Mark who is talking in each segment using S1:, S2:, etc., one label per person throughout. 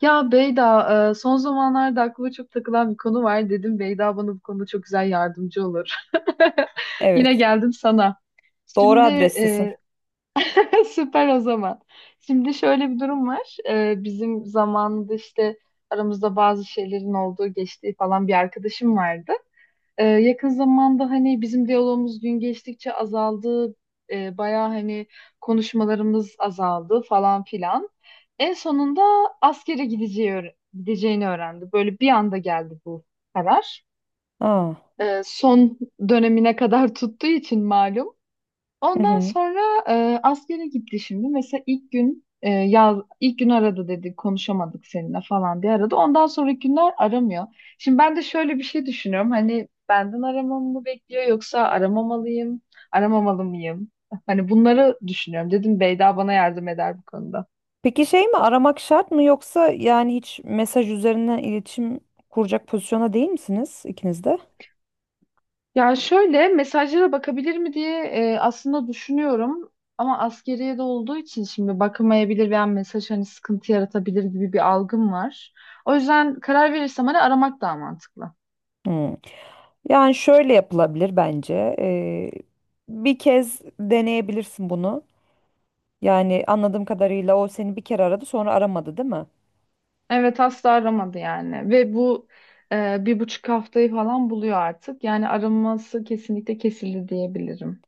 S1: Ya Beyda, son zamanlarda aklıma çok takılan bir konu var. Dedim Beyda bana bu konuda çok güzel yardımcı olur. Yine
S2: Evet.
S1: geldim sana.
S2: Doğru
S1: Şimdi
S2: adrestesin.
S1: e, süper o zaman. Şimdi şöyle bir durum var. Bizim zamanında işte aramızda bazı şeylerin olduğu, geçtiği falan bir arkadaşım vardı. Yakın zamanda hani bizim diyalogumuz gün geçtikçe azaldı. Bayağı hani konuşmalarımız azaldı falan filan. En sonunda askere gideceğini öğrendi. Böyle bir anda geldi bu karar.
S2: Aa.
S1: Son dönemine kadar tuttuğu için malum.
S2: Hı
S1: Ondan
S2: hı.
S1: sonra askere gitti şimdi. Mesela ilk gün yaz ilk gün aradı dedi konuşamadık seninle falan diye aradı. Ondan sonraki günler aramıyor. Şimdi ben de şöyle bir şey düşünüyorum. Hani benden aramamı mı bekliyor yoksa aramamalıyım, aramamalı mıyım? Hani bunları düşünüyorum. Dedim Beyda bana yardım eder bu konuda.
S2: Peki şey mi aramak şart mı yoksa yani hiç mesaj üzerinden iletişim kuracak pozisyona değil misiniz ikiniz de?
S1: Ya şöyle mesajlara bakabilir mi diye aslında düşünüyorum ama askeriye de olduğu için şimdi bakamayabilir veya mesaj hani sıkıntı yaratabilir gibi bir algım var. O yüzden karar verirsem hani aramak daha mantıklı.
S2: Hmm. Yani şöyle yapılabilir bence. Bir kez deneyebilirsin bunu. Yani anladığım kadarıyla o seni bir kere aradı sonra aramadı değil mi?
S1: Evet asla aramadı yani ve bu bir buçuk haftayı falan buluyor artık. Yani araması kesinlikle kesildi diyebilirim.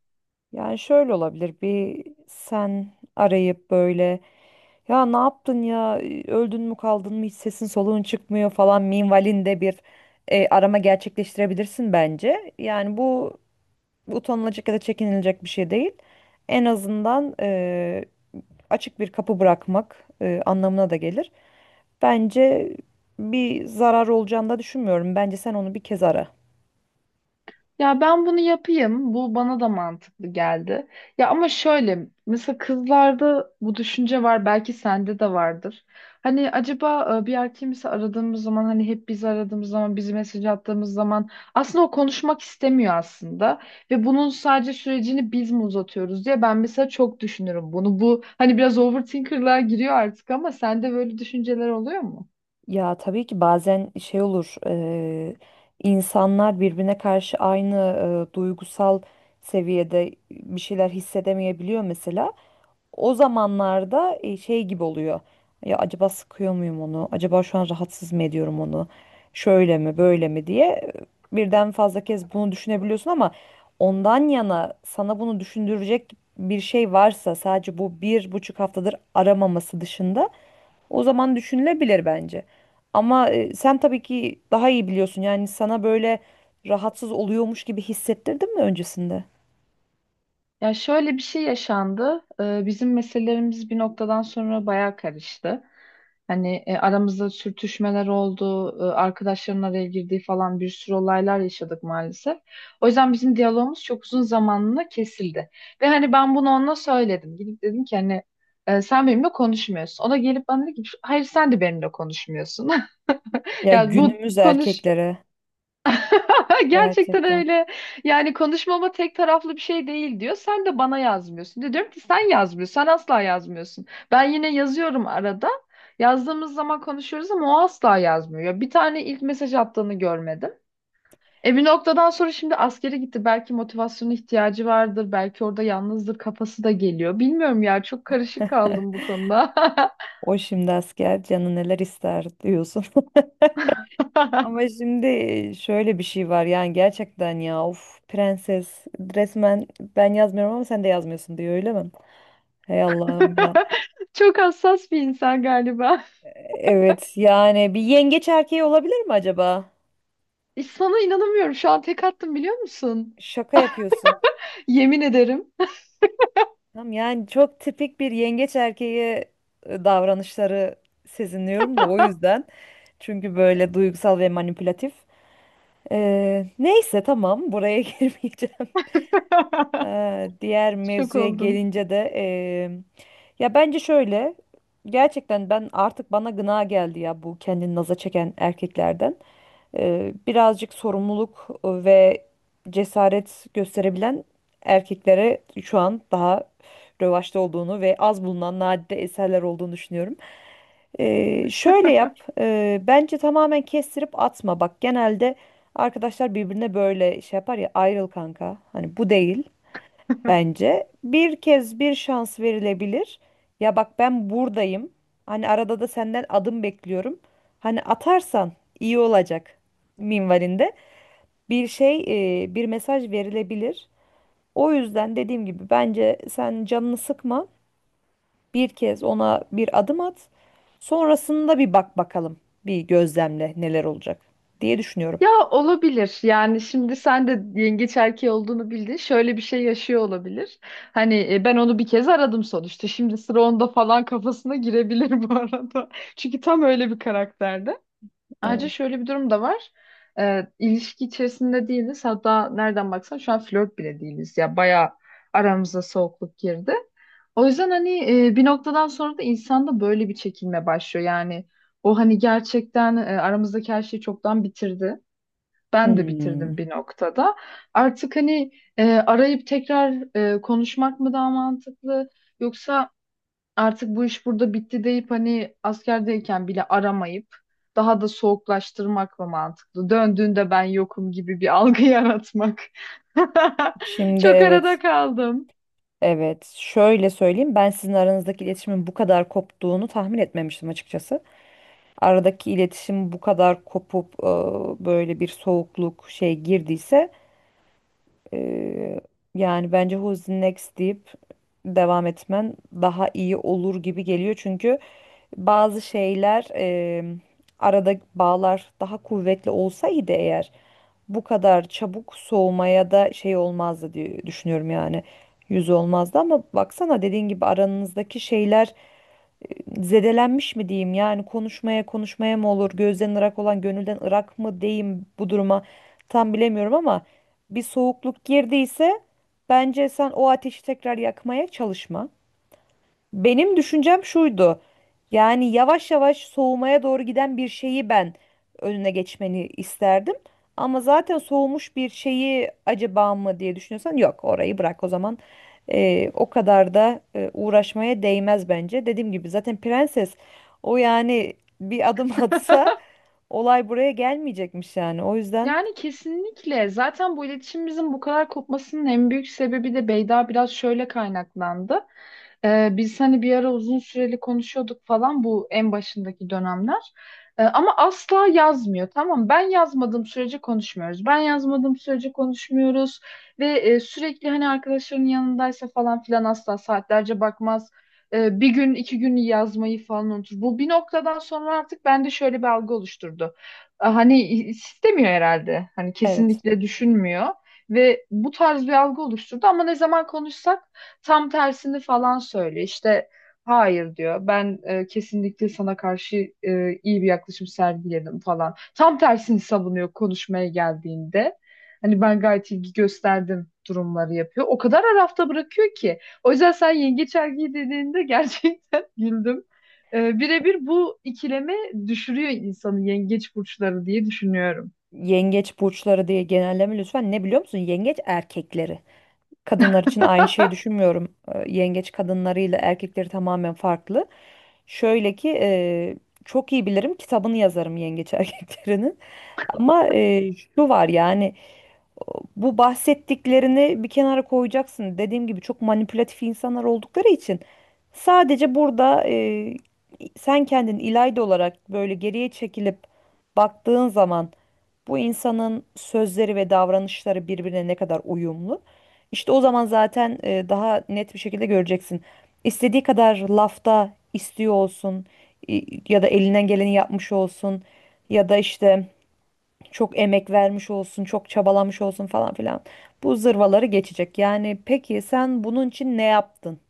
S2: Yani şöyle olabilir bir sen arayıp böyle ya ne yaptın ya öldün mü kaldın mı hiç sesin soluğun çıkmıyor falan minvalinde bir arama gerçekleştirebilirsin bence. Yani bu utanılacak ya da çekinilecek bir şey değil. En azından açık bir kapı bırakmak anlamına da gelir. Bence bir zarar olacağını da düşünmüyorum. Bence sen onu bir kez ara.
S1: Ya ben bunu yapayım. Bu bana da mantıklı geldi. Ya ama şöyle mesela kızlarda bu düşünce var. Belki sende de vardır. Hani acaba bir erkeği mesela aradığımız zaman hani hep biz aradığımız zaman bizi mesaj attığımız zaman aslında o konuşmak istemiyor aslında. Ve bunun sadece sürecini biz mi uzatıyoruz diye ben mesela çok düşünürüm bunu. Bu hani biraz overthinker'lığa giriyor artık ama sende böyle düşünceler oluyor mu?
S2: Ya tabii ki bazen şey olur insanlar birbirine karşı aynı duygusal seviyede bir şeyler hissedemeyebiliyor mesela. O zamanlarda şey gibi oluyor. Ya acaba sıkıyor muyum onu? Acaba şu an rahatsız mı ediyorum onu? Şöyle mi, böyle mi diye birden fazla kez bunu düşünebiliyorsun ama ondan yana sana bunu düşündürecek bir şey varsa sadece bu bir buçuk haftadır aramaması dışında. O zaman düşünülebilir bence. Ama sen tabii ki daha iyi biliyorsun. Yani sana böyle rahatsız oluyormuş gibi hissettirdin mi öncesinde?
S1: Ya şöyle bir şey yaşandı. Bizim meselelerimiz bir noktadan sonra bayağı karıştı. Hani aramızda sürtüşmeler oldu, arkadaşların araya girdiği falan bir sürü olaylar yaşadık maalesef. O yüzden bizim diyalogumuz çok uzun zamanla kesildi. Ve hani ben bunu ona söyledim. Gidip dedim ki hani sen benimle konuşmuyorsun. O da gelip bana dedi ki hayır sen de benimle konuşmuyorsun.
S2: Ya
S1: Ya bu
S2: günümüz
S1: konuş
S2: erkeklere
S1: Gerçekten
S2: gerçekten
S1: öyle. Yani konuşmama tek taraflı bir şey değil diyor. Sen de bana yazmıyorsun. De diyorum ki sen yazmıyorsun. Sen asla yazmıyorsun. Ben yine yazıyorum arada. Yazdığımız zaman konuşuyoruz ama o asla yazmıyor. Ya, bir tane ilk mesaj attığını görmedim. E bir noktadan sonra şimdi askere gitti. Belki motivasyona ihtiyacı vardır. Belki orada yalnızdır. Kafası da geliyor. Bilmiyorum ya. Çok karışık kaldım bu konuda.
S2: o şimdi asker canı neler ister diyorsun. Ama şimdi şöyle bir şey var yani gerçekten ya of prenses resmen ben yazmıyorum ama sen de yazmıyorsun diyor öyle mi? Hey Allah'ım ya.
S1: Çok hassas bir insan galiba.
S2: Evet yani bir yengeç erkeği olabilir mi acaba?
S1: Sana inanamıyorum. Şu an tek attım biliyor musun?
S2: Şaka yapıyorsun.
S1: Yemin ederim.
S2: Tam yani çok tipik bir yengeç erkeği davranışları sezinliyorum da o yüzden. Çünkü böyle duygusal ve manipülatif. Neyse tamam buraya girmeyeceğim. Diğer
S1: Şok
S2: mevzuya
S1: oldum.
S2: gelince de ya bence şöyle gerçekten ben artık bana gına geldi ya bu kendini naza çeken erkeklerden. Birazcık sorumluluk ve cesaret gösterebilen erkeklere şu an daha rövaşta olduğunu ve az bulunan nadide eserler olduğunu düşünüyorum. Şöyle yap. Bence tamamen kestirip atma. Bak genelde arkadaşlar birbirine böyle şey yapar ya ayrıl kanka. Hani bu değil bence. Bir kez bir şans verilebilir. Ya bak ben buradayım. Hani arada da senden adım bekliyorum. Hani atarsan iyi olacak minvalinde. Bir şey, bir mesaj verilebilir. O yüzden dediğim gibi bence sen canını sıkma. Bir kez ona bir adım at. Sonrasında bir bak bakalım. Bir gözlemle neler olacak diye düşünüyorum.
S1: Ya olabilir. Yani şimdi sen de yengeç erkeği olduğunu bildin. Şöyle bir şey yaşıyor olabilir. Hani ben onu bir kez aradım sonuçta. Şimdi sıra onda falan kafasına girebilir bu arada. Çünkü tam öyle bir karakterdi. Ayrıca
S2: Evet.
S1: şöyle bir durum da var. İlişki içerisinde değiliz. Hatta nereden baksan şu an flört bile değiliz. Ya bayağı aramıza soğukluk girdi. O yüzden hani bir noktadan sonra da insanda böyle bir çekilme başlıyor. Yani o hani gerçekten aramızdaki her şeyi çoktan bitirdi. Ben de
S2: Hmm.
S1: bitirdim bir noktada. Artık hani arayıp tekrar konuşmak mı daha mantıklı? Yoksa artık bu iş burada bitti deyip hani askerdeyken bile aramayıp daha da soğuklaştırmak mı mantıklı? Döndüğünde ben yokum gibi bir algı yaratmak.
S2: Şimdi
S1: Çok
S2: evet.
S1: arada kaldım.
S2: Evet, şöyle söyleyeyim. Ben sizin aranızdaki iletişimin bu kadar koptuğunu tahmin etmemiştim açıkçası. Aradaki iletişim bu kadar kopup böyle bir soğukluk şey girdiyse e, yani bence Who's Next deyip devam etmen daha iyi olur gibi geliyor. Çünkü bazı şeyler arada bağlar daha kuvvetli olsaydı eğer bu kadar çabuk soğumaya da şey olmazdı diye düşünüyorum yani yüz olmazdı ama baksana dediğin gibi aranızdaki şeyler zedelenmiş mi diyeyim yani konuşmaya konuşmaya mı olur gözden ırak olan gönülden ırak mı diyeyim bu duruma tam bilemiyorum ama bir soğukluk girdiyse bence sen o ateşi tekrar yakmaya çalışma. Benim düşüncem şuydu. Yani yavaş yavaş soğumaya doğru giden bir şeyi ben önüne geçmeni isterdim. Ama zaten soğumuş bir şeyi acaba mı diye düşünüyorsan yok orayı bırak o zaman. O kadar da uğraşmaya değmez bence. Dediğim gibi zaten prenses o yani bir adım atsa olay buraya gelmeyecekmiş yani. O yüzden
S1: Yani kesinlikle. Zaten bu iletişimimizin bu kadar kopmasının en büyük sebebi de Beyda biraz şöyle kaynaklandı. Biz hani bir ara uzun süreli konuşuyorduk falan bu en başındaki dönemler. Ama asla yazmıyor. Tamam mı? Ben yazmadığım sürece konuşmuyoruz. Ve sürekli hani arkadaşlarının yanındaysa falan filan asla saatlerce bakmaz. Bir gün iki gün yazmayı falan unutur. Bu bir noktadan sonra artık bende şöyle bir algı oluşturdu. Hani istemiyor herhalde. Hani
S2: evet.
S1: kesinlikle düşünmüyor ve bu tarz bir algı oluşturdu ama ne zaman konuşsak tam tersini falan söylüyor. İşte hayır diyor. Ben kesinlikle sana karşı iyi bir yaklaşım sergiledim falan. Tam tersini savunuyor konuşmaya geldiğinde. Hani ben gayet ilgi gösterdim durumları yapıyor. O kadar arafta bırakıyor ki. O yüzden sen yengeç erkeği dediğinde gerçekten güldüm. Birebir bu ikileme düşürüyor insanı yengeç burçları diye düşünüyorum.
S2: Yengeç burçları diye genelleme lütfen ne biliyor musun? Yengeç erkekleri, kadınlar için aynı şeyi düşünmüyorum. Yengeç kadınlarıyla erkekleri tamamen farklı. Şöyle ki çok iyi bilirim kitabını yazarım yengeç erkeklerinin. Ama şu var yani bu bahsettiklerini bir kenara koyacaksın. Dediğim gibi çok manipülatif insanlar oldukları için sadece burada sen kendin İlayda olarak böyle geriye çekilip baktığın zaman bu insanın sözleri ve davranışları birbirine ne kadar uyumlu? İşte o zaman zaten daha net bir şekilde göreceksin. İstediği kadar lafta istiyor olsun ya da elinden geleni yapmış olsun ya da işte çok emek vermiş olsun, çok çabalamış olsun falan filan. Bu zırvaları geçecek. Yani peki sen bunun için ne yaptın?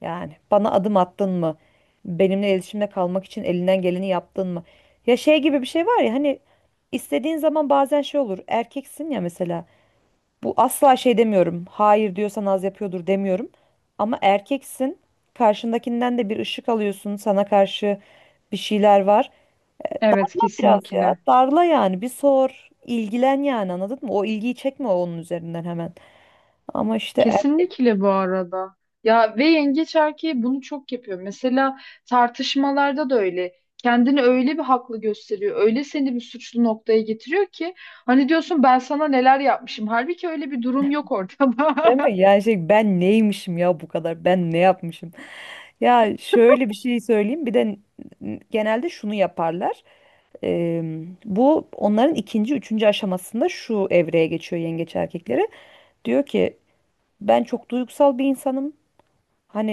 S2: Yani bana adım attın mı? Benimle iletişimde kalmak için elinden geleni yaptın mı? Ya şey gibi bir şey var ya hani istediğin zaman bazen şey olur. Erkeksin ya mesela. Bu asla şey demiyorum. Hayır diyorsan az yapıyordur demiyorum. Ama erkeksin. Karşındakinden de bir ışık alıyorsun. Sana karşı bir şeyler var.
S1: Evet
S2: Ama biraz ya
S1: kesinlikle.
S2: darla yani bir sor, ilgilen yani anladın mı? O ilgiyi çekme onun üzerinden hemen. Ama işte.
S1: Kesinlikle bu arada. Ya ve yengeç erkeği bunu çok yapıyor. Mesela tartışmalarda da öyle. Kendini öyle bir haklı gösteriyor. Öyle seni bir suçlu noktaya getiriyor ki hani diyorsun ben sana neler yapmışım. Halbuki öyle bir durum yok ortada.
S2: Değil mi? Yani şey ben neymişim ya bu kadar? Ben ne yapmışım? Ya şöyle bir şey söyleyeyim. Bir de genelde şunu yaparlar. Eee, bu onların ikinci, üçüncü aşamasında şu evreye geçiyor yengeç erkekleri. Diyor ki ben çok duygusal bir insanım. Hani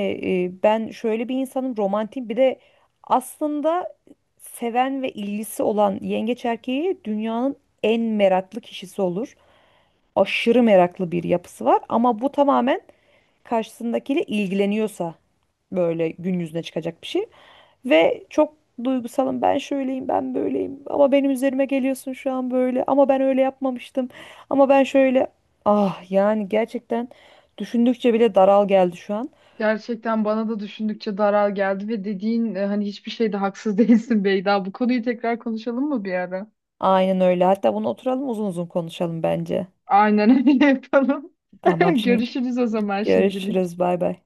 S2: ben şöyle bir insanım, romantik bir de aslında seven ve ilgisi olan yengeç erkeği dünyanın en meraklı kişisi olur. Aşırı meraklı bir yapısı var ama bu tamamen karşısındakiyle ilgileniyorsa böyle gün yüzüne çıkacak bir şey. Ve çok duygusalım ben şöyleyim ben böyleyim ama benim üzerime geliyorsun şu an böyle ama ben öyle yapmamıştım ama ben şöyle ah yani gerçekten düşündükçe bile daral geldi şu an.
S1: Gerçekten bana da düşündükçe daral geldi ve dediğin hani hiçbir şeyde haksız değilsin Beyda. Bu konuyu tekrar konuşalım mı bir ara?
S2: Aynen öyle hatta bunu oturalım uzun uzun konuşalım bence.
S1: Aynen öyle yapalım.
S2: Tamam şimdi
S1: Görüşürüz o zaman şimdilik.
S2: görüşürüz bay bay.